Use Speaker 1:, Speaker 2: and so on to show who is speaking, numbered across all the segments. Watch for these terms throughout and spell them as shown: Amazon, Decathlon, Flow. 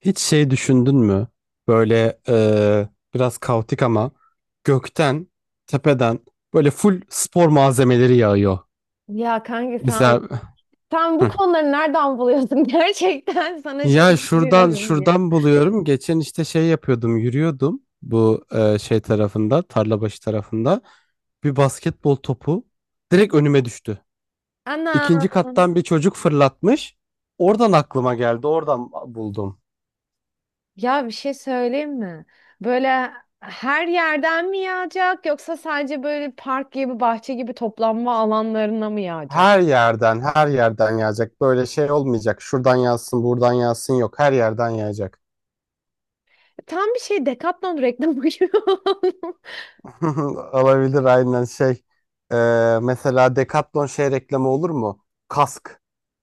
Speaker 1: Hiç şey düşündün mü? Böyle biraz kaotik ama gökten, tepeden böyle full spor malzemeleri yağıyor.
Speaker 2: Ya kanka sen,
Speaker 1: Mesela
Speaker 2: sen bu
Speaker 1: hı.
Speaker 2: konuları nereden buluyorsun? Gerçekten sana
Speaker 1: Ya şuradan
Speaker 2: şaşırıyorum ya.
Speaker 1: şuradan buluyorum. Geçen işte şey yapıyordum, yürüyordum bu şey tarafında, Tarlabaşı tarafında. Bir basketbol topu direkt önüme düştü.
Speaker 2: Ana.
Speaker 1: İkinci kattan bir çocuk fırlatmış. Oradan aklıma geldi, oradan buldum.
Speaker 2: Ya bir şey söyleyeyim mi? Böyle her yerden mi yağacak yoksa sadece böyle park gibi, bahçe gibi toplanma alanlarına mı yağacak?
Speaker 1: Her yerden, her yerden yağacak. Böyle şey olmayacak. Şuradan yağsın, buradan yağsın yok. Her yerden yağacak.
Speaker 2: Tam bir şey Decathlon reklamı gibi. oldu.
Speaker 1: Olabilir aynen şey. Mesela Decathlon şey reklamı olur mu? Kask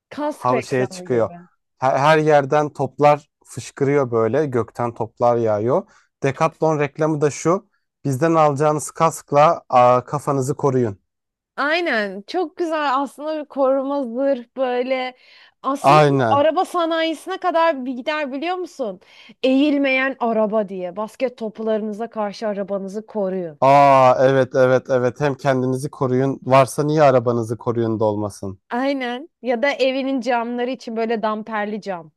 Speaker 2: Kask
Speaker 1: hava şeye
Speaker 2: reklamı
Speaker 1: çıkıyor.
Speaker 2: gibi.
Speaker 1: Her yerden toplar fışkırıyor böyle. Gökten toplar yağıyor. Decathlon reklamı da şu. Bizden alacağınız kaskla aa, kafanızı koruyun.
Speaker 2: Aynen çok güzel aslında bir koruma zırh böyle aslında bu
Speaker 1: Aynen.
Speaker 2: araba sanayisine kadar bir gider biliyor musun? Eğilmeyen araba diye basket toplarınıza karşı arabanızı koruyun.
Speaker 1: Aa, evet evet evet. Hem kendinizi koruyun. Varsa niye arabanızı koruyun da olmasın?
Speaker 2: Aynen ya da evinin camları için böyle damperli cam.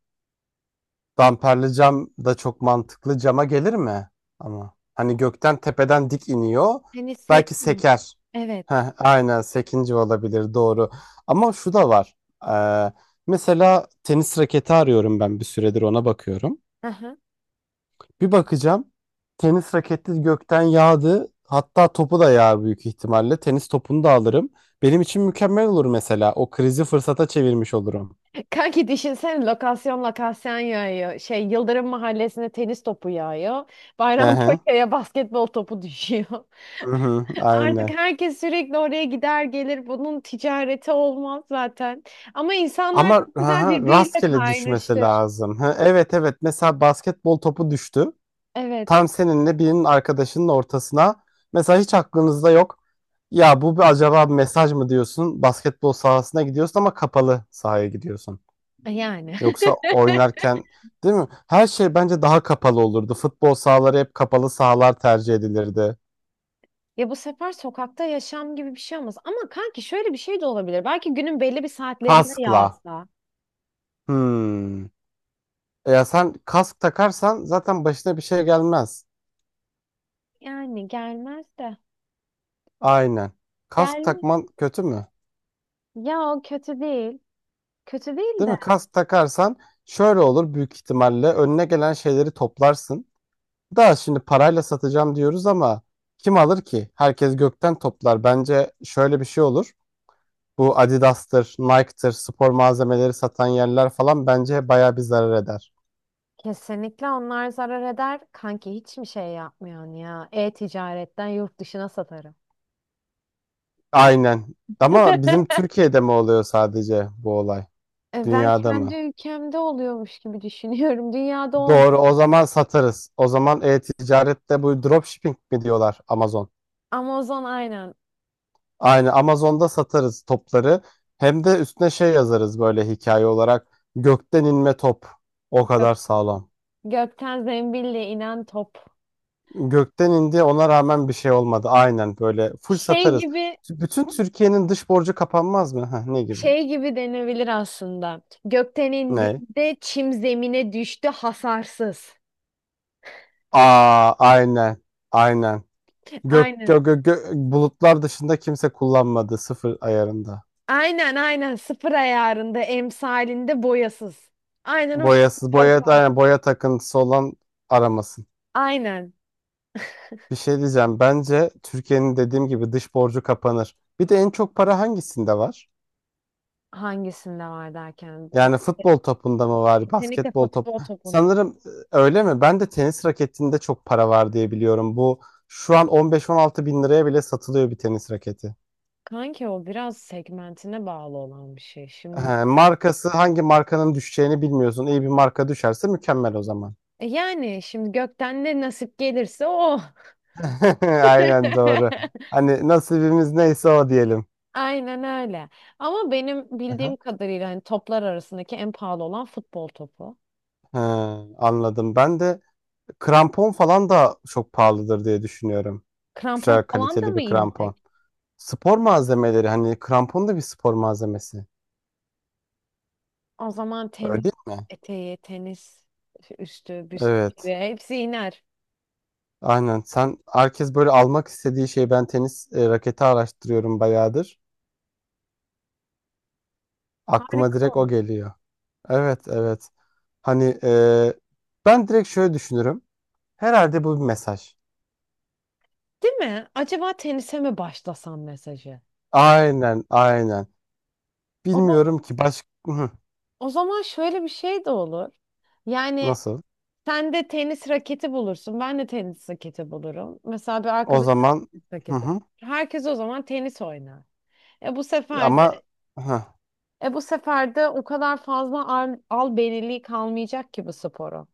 Speaker 1: Damperli cam da çok mantıklı. Cama gelir mi? Ama hani gökten tepeden dik iniyor.
Speaker 2: Hani
Speaker 1: Belki
Speaker 2: sekmiyor.
Speaker 1: seker.
Speaker 2: Evet.
Speaker 1: Heh, aynen sekinci olabilir doğru. Ama şu da var. Ee, Mesela tenis raketi arıyorum, ben bir süredir ona bakıyorum.
Speaker 2: Aha.
Speaker 1: Bir bakacağım, tenis raketi gökten yağdı. Hatta topu da yağar büyük ihtimalle. Tenis topunu da alırım. Benim için mükemmel olur mesela. O krizi fırsata çevirmiş olurum.
Speaker 2: Kanki düşünsene lokasyon lokasyon yağıyor. Şey Yıldırım Mahallesi'ne tenis topu yağıyor.
Speaker 1: Hı hı.
Speaker 2: Bayrampaşa'ya basketbol topu düşüyor.
Speaker 1: Hı hı,
Speaker 2: Artık
Speaker 1: aynen.
Speaker 2: herkes sürekli oraya gider gelir. Bunun ticareti olmaz zaten. Ama insanlar
Speaker 1: Ama
Speaker 2: çok güzel birbiriyle
Speaker 1: rastgele düşmesi
Speaker 2: kaynaşır.
Speaker 1: lazım. Ha, evet evet mesela basketbol topu düştü.
Speaker 2: Evet.
Speaker 1: Tam seninle birinin arkadaşının ortasına. Mesela hiç aklınızda yok. Ya bu bir, acaba bir mesaj mı diyorsun? Basketbol sahasına gidiyorsun ama kapalı sahaya gidiyorsun.
Speaker 2: Yani.
Speaker 1: Yoksa oynarken değil mi? Her şey bence daha kapalı olurdu. Futbol sahaları hep kapalı sahalar tercih edilirdi.
Speaker 2: Ya bu sefer sokakta yaşam gibi bir şey olmaz. Ama kanki şöyle bir şey de olabilir. Belki günün belli bir saatlerinde
Speaker 1: Kaskla.
Speaker 2: yağsa.
Speaker 1: Hmm. E ya sen kask takarsan zaten başına bir şey gelmez.
Speaker 2: Yani gelmez de.
Speaker 1: Aynen. Kask
Speaker 2: Gelmez.
Speaker 1: takman kötü mü?
Speaker 2: Ya o kötü değil. Kötü değil
Speaker 1: Değil
Speaker 2: de.
Speaker 1: mi? Kask takarsan şöyle olur, büyük ihtimalle önüne gelen şeyleri toplarsın. Daha şimdi parayla satacağım diyoruz ama kim alır ki? Herkes gökten toplar. Bence şöyle bir şey olur. Bu Adidas'tır, Nike'tır, spor malzemeleri satan yerler falan bence bayağı bir zarar eder.
Speaker 2: Kesinlikle onlar zarar eder. Kanki hiç mi şey yapmıyorsun ya? E-ticaretten yurt dışına satarım.
Speaker 1: Aynen. Ama bizim Türkiye'de mi oluyor sadece bu olay?
Speaker 2: Ben
Speaker 1: Dünyada
Speaker 2: kendi
Speaker 1: mı?
Speaker 2: ülkemde oluyormuş gibi düşünüyorum. Dünyada olmaz.
Speaker 1: Doğru. O zaman satarız. O zaman e-ticarette bu dropshipping mi diyorlar, Amazon?
Speaker 2: Amazon aynen.
Speaker 1: Aynı Amazon'da satarız topları. Hem de üstüne şey yazarız, böyle hikaye olarak. Gökten inme top. O
Speaker 2: Gök-
Speaker 1: kadar sağlam.
Speaker 2: Gökten zembille inen top.
Speaker 1: Gökten indi, ona rağmen bir şey olmadı. Aynen böyle full
Speaker 2: Şey
Speaker 1: satarız.
Speaker 2: gibi
Speaker 1: Bütün Türkiye'nin dış borcu kapanmaz mı? Heh, ne gibi?
Speaker 2: şey gibi denebilir aslında. Gökten
Speaker 1: Ne?
Speaker 2: indiğinde çim zemine düştü hasarsız.
Speaker 1: Aa aynen. Aynen. Gök,
Speaker 2: Aynen.
Speaker 1: gö, gö, gö- Bulutlar dışında kimse kullanmadı, sıfır ayarında.
Speaker 2: Aynen aynen sıfır ayarında emsalinde boyasız. Aynen o şekilde
Speaker 1: Boyasız boya,
Speaker 2: paslar.
Speaker 1: aynen, boya takıntısı olan aramasın.
Speaker 2: Aynen.
Speaker 1: Bir şey diyeceğim. Bence Türkiye'nin, dediğim gibi, dış borcu kapanır. Bir de en çok para hangisinde var?
Speaker 2: Hangisinde var derken. Bak,
Speaker 1: Yani futbol topunda mı var,
Speaker 2: kesinlikle
Speaker 1: basketbol top?
Speaker 2: futbol topunda.
Speaker 1: Sanırım öyle mi? Ben de tenis raketinde çok para var diye biliyorum. Bu şu an 15-16 bin liraya bile satılıyor bir tenis raketi.
Speaker 2: Kanki o biraz segmentine bağlı olan bir şey. Şimdi.
Speaker 1: He, markası, hangi markanın düşeceğini bilmiyorsun. İyi bir marka düşerse mükemmel o zaman.
Speaker 2: Yani şimdi gökten ne nasip gelirse o.
Speaker 1: Aynen doğru. Hani nasibimiz neyse o diyelim.
Speaker 2: Aynen öyle. Ama benim
Speaker 1: Hı hı.
Speaker 2: bildiğim kadarıyla hani toplar arasındaki en pahalı olan futbol topu.
Speaker 1: He, anladım. Ben de krampon falan da çok pahalıdır diye düşünüyorum. Güzel
Speaker 2: Krampon falan da
Speaker 1: kaliteli
Speaker 2: mı
Speaker 1: bir krampon.
Speaker 2: inecek?
Speaker 1: Spor malzemeleri, hani krampon da bir spor malzemesi.
Speaker 2: O zaman
Speaker 1: Öyle
Speaker 2: tenis
Speaker 1: değil mi?
Speaker 2: eteği, tenis üstü, büstü
Speaker 1: Evet.
Speaker 2: hepsi iner.
Speaker 1: Aynen. Sen, herkes böyle almak istediği şey, ben tenis raketi araştırıyorum bayağıdır. Aklıma
Speaker 2: Harika
Speaker 1: direkt o
Speaker 2: olur.
Speaker 1: geliyor. Evet, evet. Hani ben direkt şöyle düşünürüm. Herhalde bu bir mesaj.
Speaker 2: Değil mi? Acaba tenise mi başlasam mesajı?
Speaker 1: Aynen, aynen.
Speaker 2: O zaman,
Speaker 1: Bilmiyorum ki başka
Speaker 2: o zaman, şöyle bir şey de olur. Yani
Speaker 1: nasıl.
Speaker 2: sen de tenis raketi bulursun. Ben de tenis raketi bulurum. Mesela bir
Speaker 1: O
Speaker 2: arkadaşım
Speaker 1: zaman
Speaker 2: tenis
Speaker 1: hı
Speaker 2: raketi.
Speaker 1: hı.
Speaker 2: Herkes o zaman tenis oynar. E bu sefer de,
Speaker 1: Ama
Speaker 2: bu sefer de o kadar fazla albeniliği kalmayacak ki bu sporu.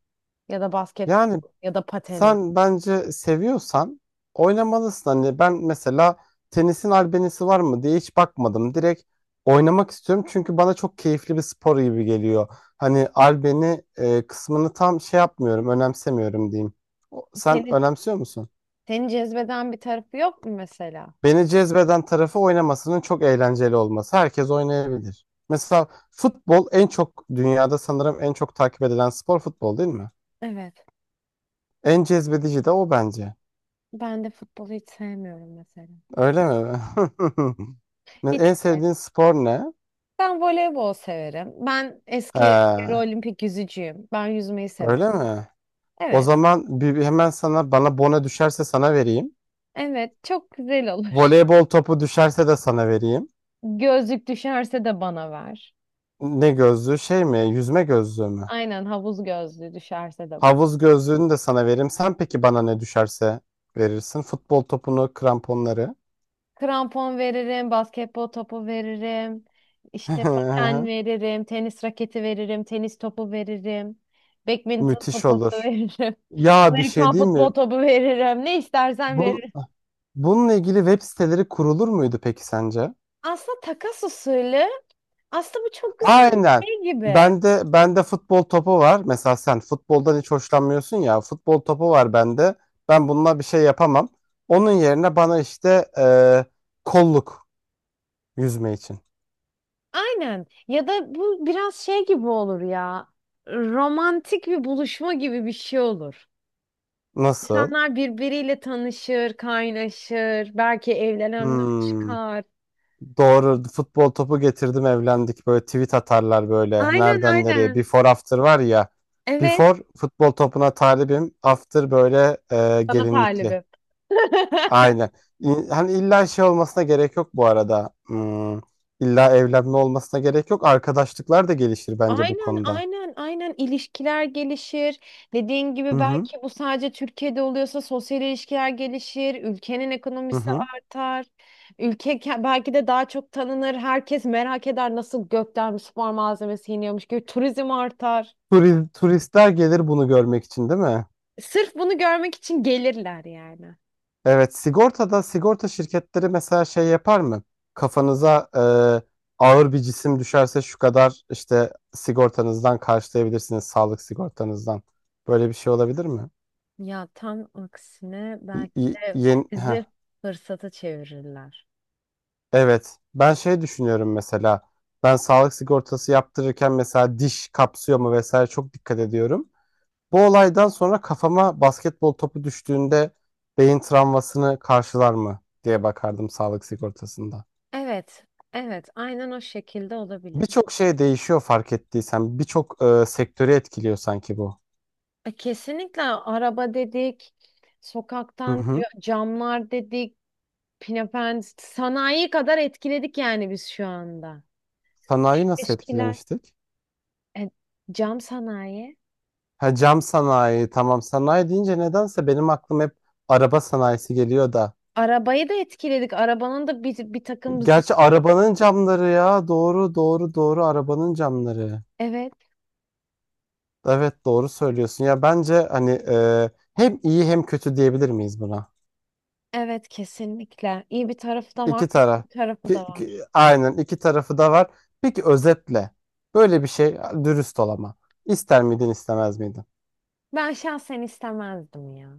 Speaker 2: Ya da
Speaker 1: Yani
Speaker 2: basketbol ya da pateni.
Speaker 1: sen bence seviyorsan oynamalısın. Hani ben mesela tenisin albenisi var mı diye hiç bakmadım. Direkt oynamak istiyorum çünkü bana çok keyifli bir spor gibi geliyor. Hani albeni kısmını tam şey yapmıyorum, önemsemiyorum diyeyim. Sen
Speaker 2: Seni,
Speaker 1: önemsiyor musun?
Speaker 2: seni cezbeden bir tarafı yok mu mesela?
Speaker 1: Beni cezbeden tarafı oynamasının çok eğlenceli olması. Herkes oynayabilir. Mesela futbol, en çok dünyada sanırım en çok takip edilen spor futbol, değil mi?
Speaker 2: Evet.
Speaker 1: En cezbedici de o bence.
Speaker 2: Ben de futbolu hiç sevmiyorum mesela.
Speaker 1: Öyle mi?
Speaker 2: Hiç
Speaker 1: En
Speaker 2: sevmiyorum.
Speaker 1: sevdiğin spor ne?
Speaker 2: Ben voleybol severim. Ben eski yarı
Speaker 1: Ha,
Speaker 2: olimpik yüzücüyüm. Ben yüzmeyi severim.
Speaker 1: öyle mi? O
Speaker 2: Evet,
Speaker 1: zaman bir hemen, sana bana bona düşerse sana vereyim.
Speaker 2: evet çok güzel olur.
Speaker 1: Voleybol topu düşerse de sana vereyim.
Speaker 2: Gözlük düşerse de bana ver.
Speaker 1: Ne gözlüğü, şey mi? Yüzme gözlüğü mü?
Speaker 2: Aynen havuz gözlüğü düşerse de bana.
Speaker 1: Havuz gözlüğünü de sana veririm. Sen peki bana ne düşerse verirsin? Futbol topunu, kramponları.
Speaker 2: Krampon veririm, basketbol topu veririm, işte paten veririm, tenis raketi veririm, tenis topu veririm, badminton
Speaker 1: Müthiş
Speaker 2: sopası
Speaker 1: olur.
Speaker 2: veririm,
Speaker 1: Ya bir şey,
Speaker 2: Amerikan
Speaker 1: değil
Speaker 2: futbol
Speaker 1: mi?
Speaker 2: topu veririm, ne istersen
Speaker 1: Bu,
Speaker 2: veririm.
Speaker 1: Bununla ilgili web siteleri kurulur muydu peki sence?
Speaker 2: Aslında takas usulü aslında bu çok güzel bir
Speaker 1: Aynen.
Speaker 2: şey gibi.
Speaker 1: Bende futbol topu var. Mesela sen futboldan hiç hoşlanmıyorsun ya. Futbol topu var bende. Ben bununla bir şey yapamam. Onun yerine bana işte kolluk, yüzme için.
Speaker 2: Aynen. Ya da bu biraz şey gibi olur ya. Romantik bir buluşma gibi bir şey olur.
Speaker 1: Nasıl?
Speaker 2: İnsanlar birbiriyle tanışır, kaynaşır, belki evlenenler
Speaker 1: Hmm,
Speaker 2: çıkar.
Speaker 1: doğru. Futbol topu getirdim, evlendik. Böyle tweet atarlar böyle.
Speaker 2: Aynen
Speaker 1: Nereden nereye?
Speaker 2: aynen.
Speaker 1: Before after var ya.
Speaker 2: Evet.
Speaker 1: Before futbol topuna talibim. After böyle
Speaker 2: Sana
Speaker 1: gelinlikli.
Speaker 2: talibim.
Speaker 1: Aynen. Hani illa şey olmasına gerek yok bu arada. Hmm, illa evlenme olmasına gerek yok. Arkadaşlıklar da gelişir bence bu
Speaker 2: Aynen
Speaker 1: konuda.
Speaker 2: aynen aynen ilişkiler gelişir. Dediğin gibi
Speaker 1: Hı hı.
Speaker 2: belki bu sadece Türkiye'de oluyorsa sosyal ilişkiler gelişir, ülkenin
Speaker 1: Hı
Speaker 2: ekonomisi
Speaker 1: hı.
Speaker 2: artar. Belki de daha çok tanınır. Herkes merak eder nasıl gökten bir spor malzemesi yeniyormuş gibi turizm artar.
Speaker 1: Turistler gelir bunu görmek için, değil mi?
Speaker 2: Sırf bunu görmek için gelirler yani.
Speaker 1: Evet, sigortada, sigorta şirketleri mesela şey yapar mı? Kafanıza ağır bir cisim düşerse şu kadar işte sigortanızdan karşılayabilirsiniz, sağlık sigortanızdan. Böyle bir şey olabilir mi?
Speaker 2: Ya tam aksine
Speaker 1: Y-
Speaker 2: belki
Speaker 1: y-
Speaker 2: de
Speaker 1: yeni,
Speaker 2: krizi fırsata çevirirler.
Speaker 1: Evet. Ben şey düşünüyorum mesela. Ben sağlık sigortası yaptırırken mesela diş kapsıyor mu vesaire çok dikkat ediyorum. Bu olaydan sonra kafama basketbol topu düştüğünde beyin travmasını karşılar mı diye bakardım sağlık sigortasında.
Speaker 2: Evet, evet, aynen o şekilde olabilir.
Speaker 1: Birçok şey değişiyor, fark ettiysen. Birçok sektörü etkiliyor sanki bu.
Speaker 2: Kesinlikle araba dedik,
Speaker 1: Hı
Speaker 2: sokaktan
Speaker 1: hı.
Speaker 2: camlar dedik, pinapen sanayi kadar etkiledik yani biz şu anda.
Speaker 1: Sanayi nasıl
Speaker 2: Eskiler.
Speaker 1: etkilemiştik?
Speaker 2: E, Cam sanayi.
Speaker 1: Ha, cam sanayi, tamam. Sanayi deyince nedense benim aklım hep araba sanayisi geliyor da.
Speaker 2: Arabayı da etkiledik. Arabanın da bir takım
Speaker 1: Gerçi arabanın camları ya. Doğru, doğru, doğru, arabanın camları.
Speaker 2: Evet,
Speaker 1: Evet, doğru söylüyorsun. Ya bence hani hem iyi hem kötü diyebilir miyiz buna?
Speaker 2: evet kesinlikle. İyi bir tarafı da var,
Speaker 1: İki
Speaker 2: kötü
Speaker 1: taraf.
Speaker 2: bir tarafı da var.
Speaker 1: Aynen, iki tarafı da var. Peki özetle, böyle bir şey, dürüst ol ama, İster miydin, istemez miydin?
Speaker 2: Ben şahsen istemezdim ya.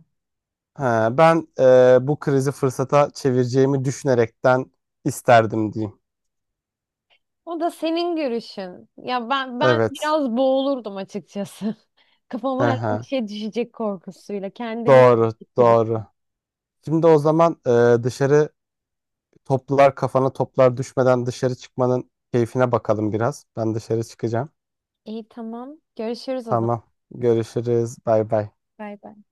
Speaker 1: Ha, ben bu krizi fırsata çevireceğimi düşünerekten isterdim diyeyim.
Speaker 2: O da senin görüşün. Ya ben
Speaker 1: Evet.
Speaker 2: biraz boğulurdum açıkçası. Kafama
Speaker 1: Hı
Speaker 2: her bir
Speaker 1: hı.
Speaker 2: şey düşecek korkusuyla kendimi.
Speaker 1: Doğru, doğru. Şimdi o zaman e, dışarı toplar, kafana toplar düşmeden dışarı çıkmanın keyfine bakalım biraz. Ben dışarı çıkacağım.
Speaker 2: İyi, tamam. Görüşürüz o zaman.
Speaker 1: Tamam. Görüşürüz. Bay bay.
Speaker 2: Bay bay.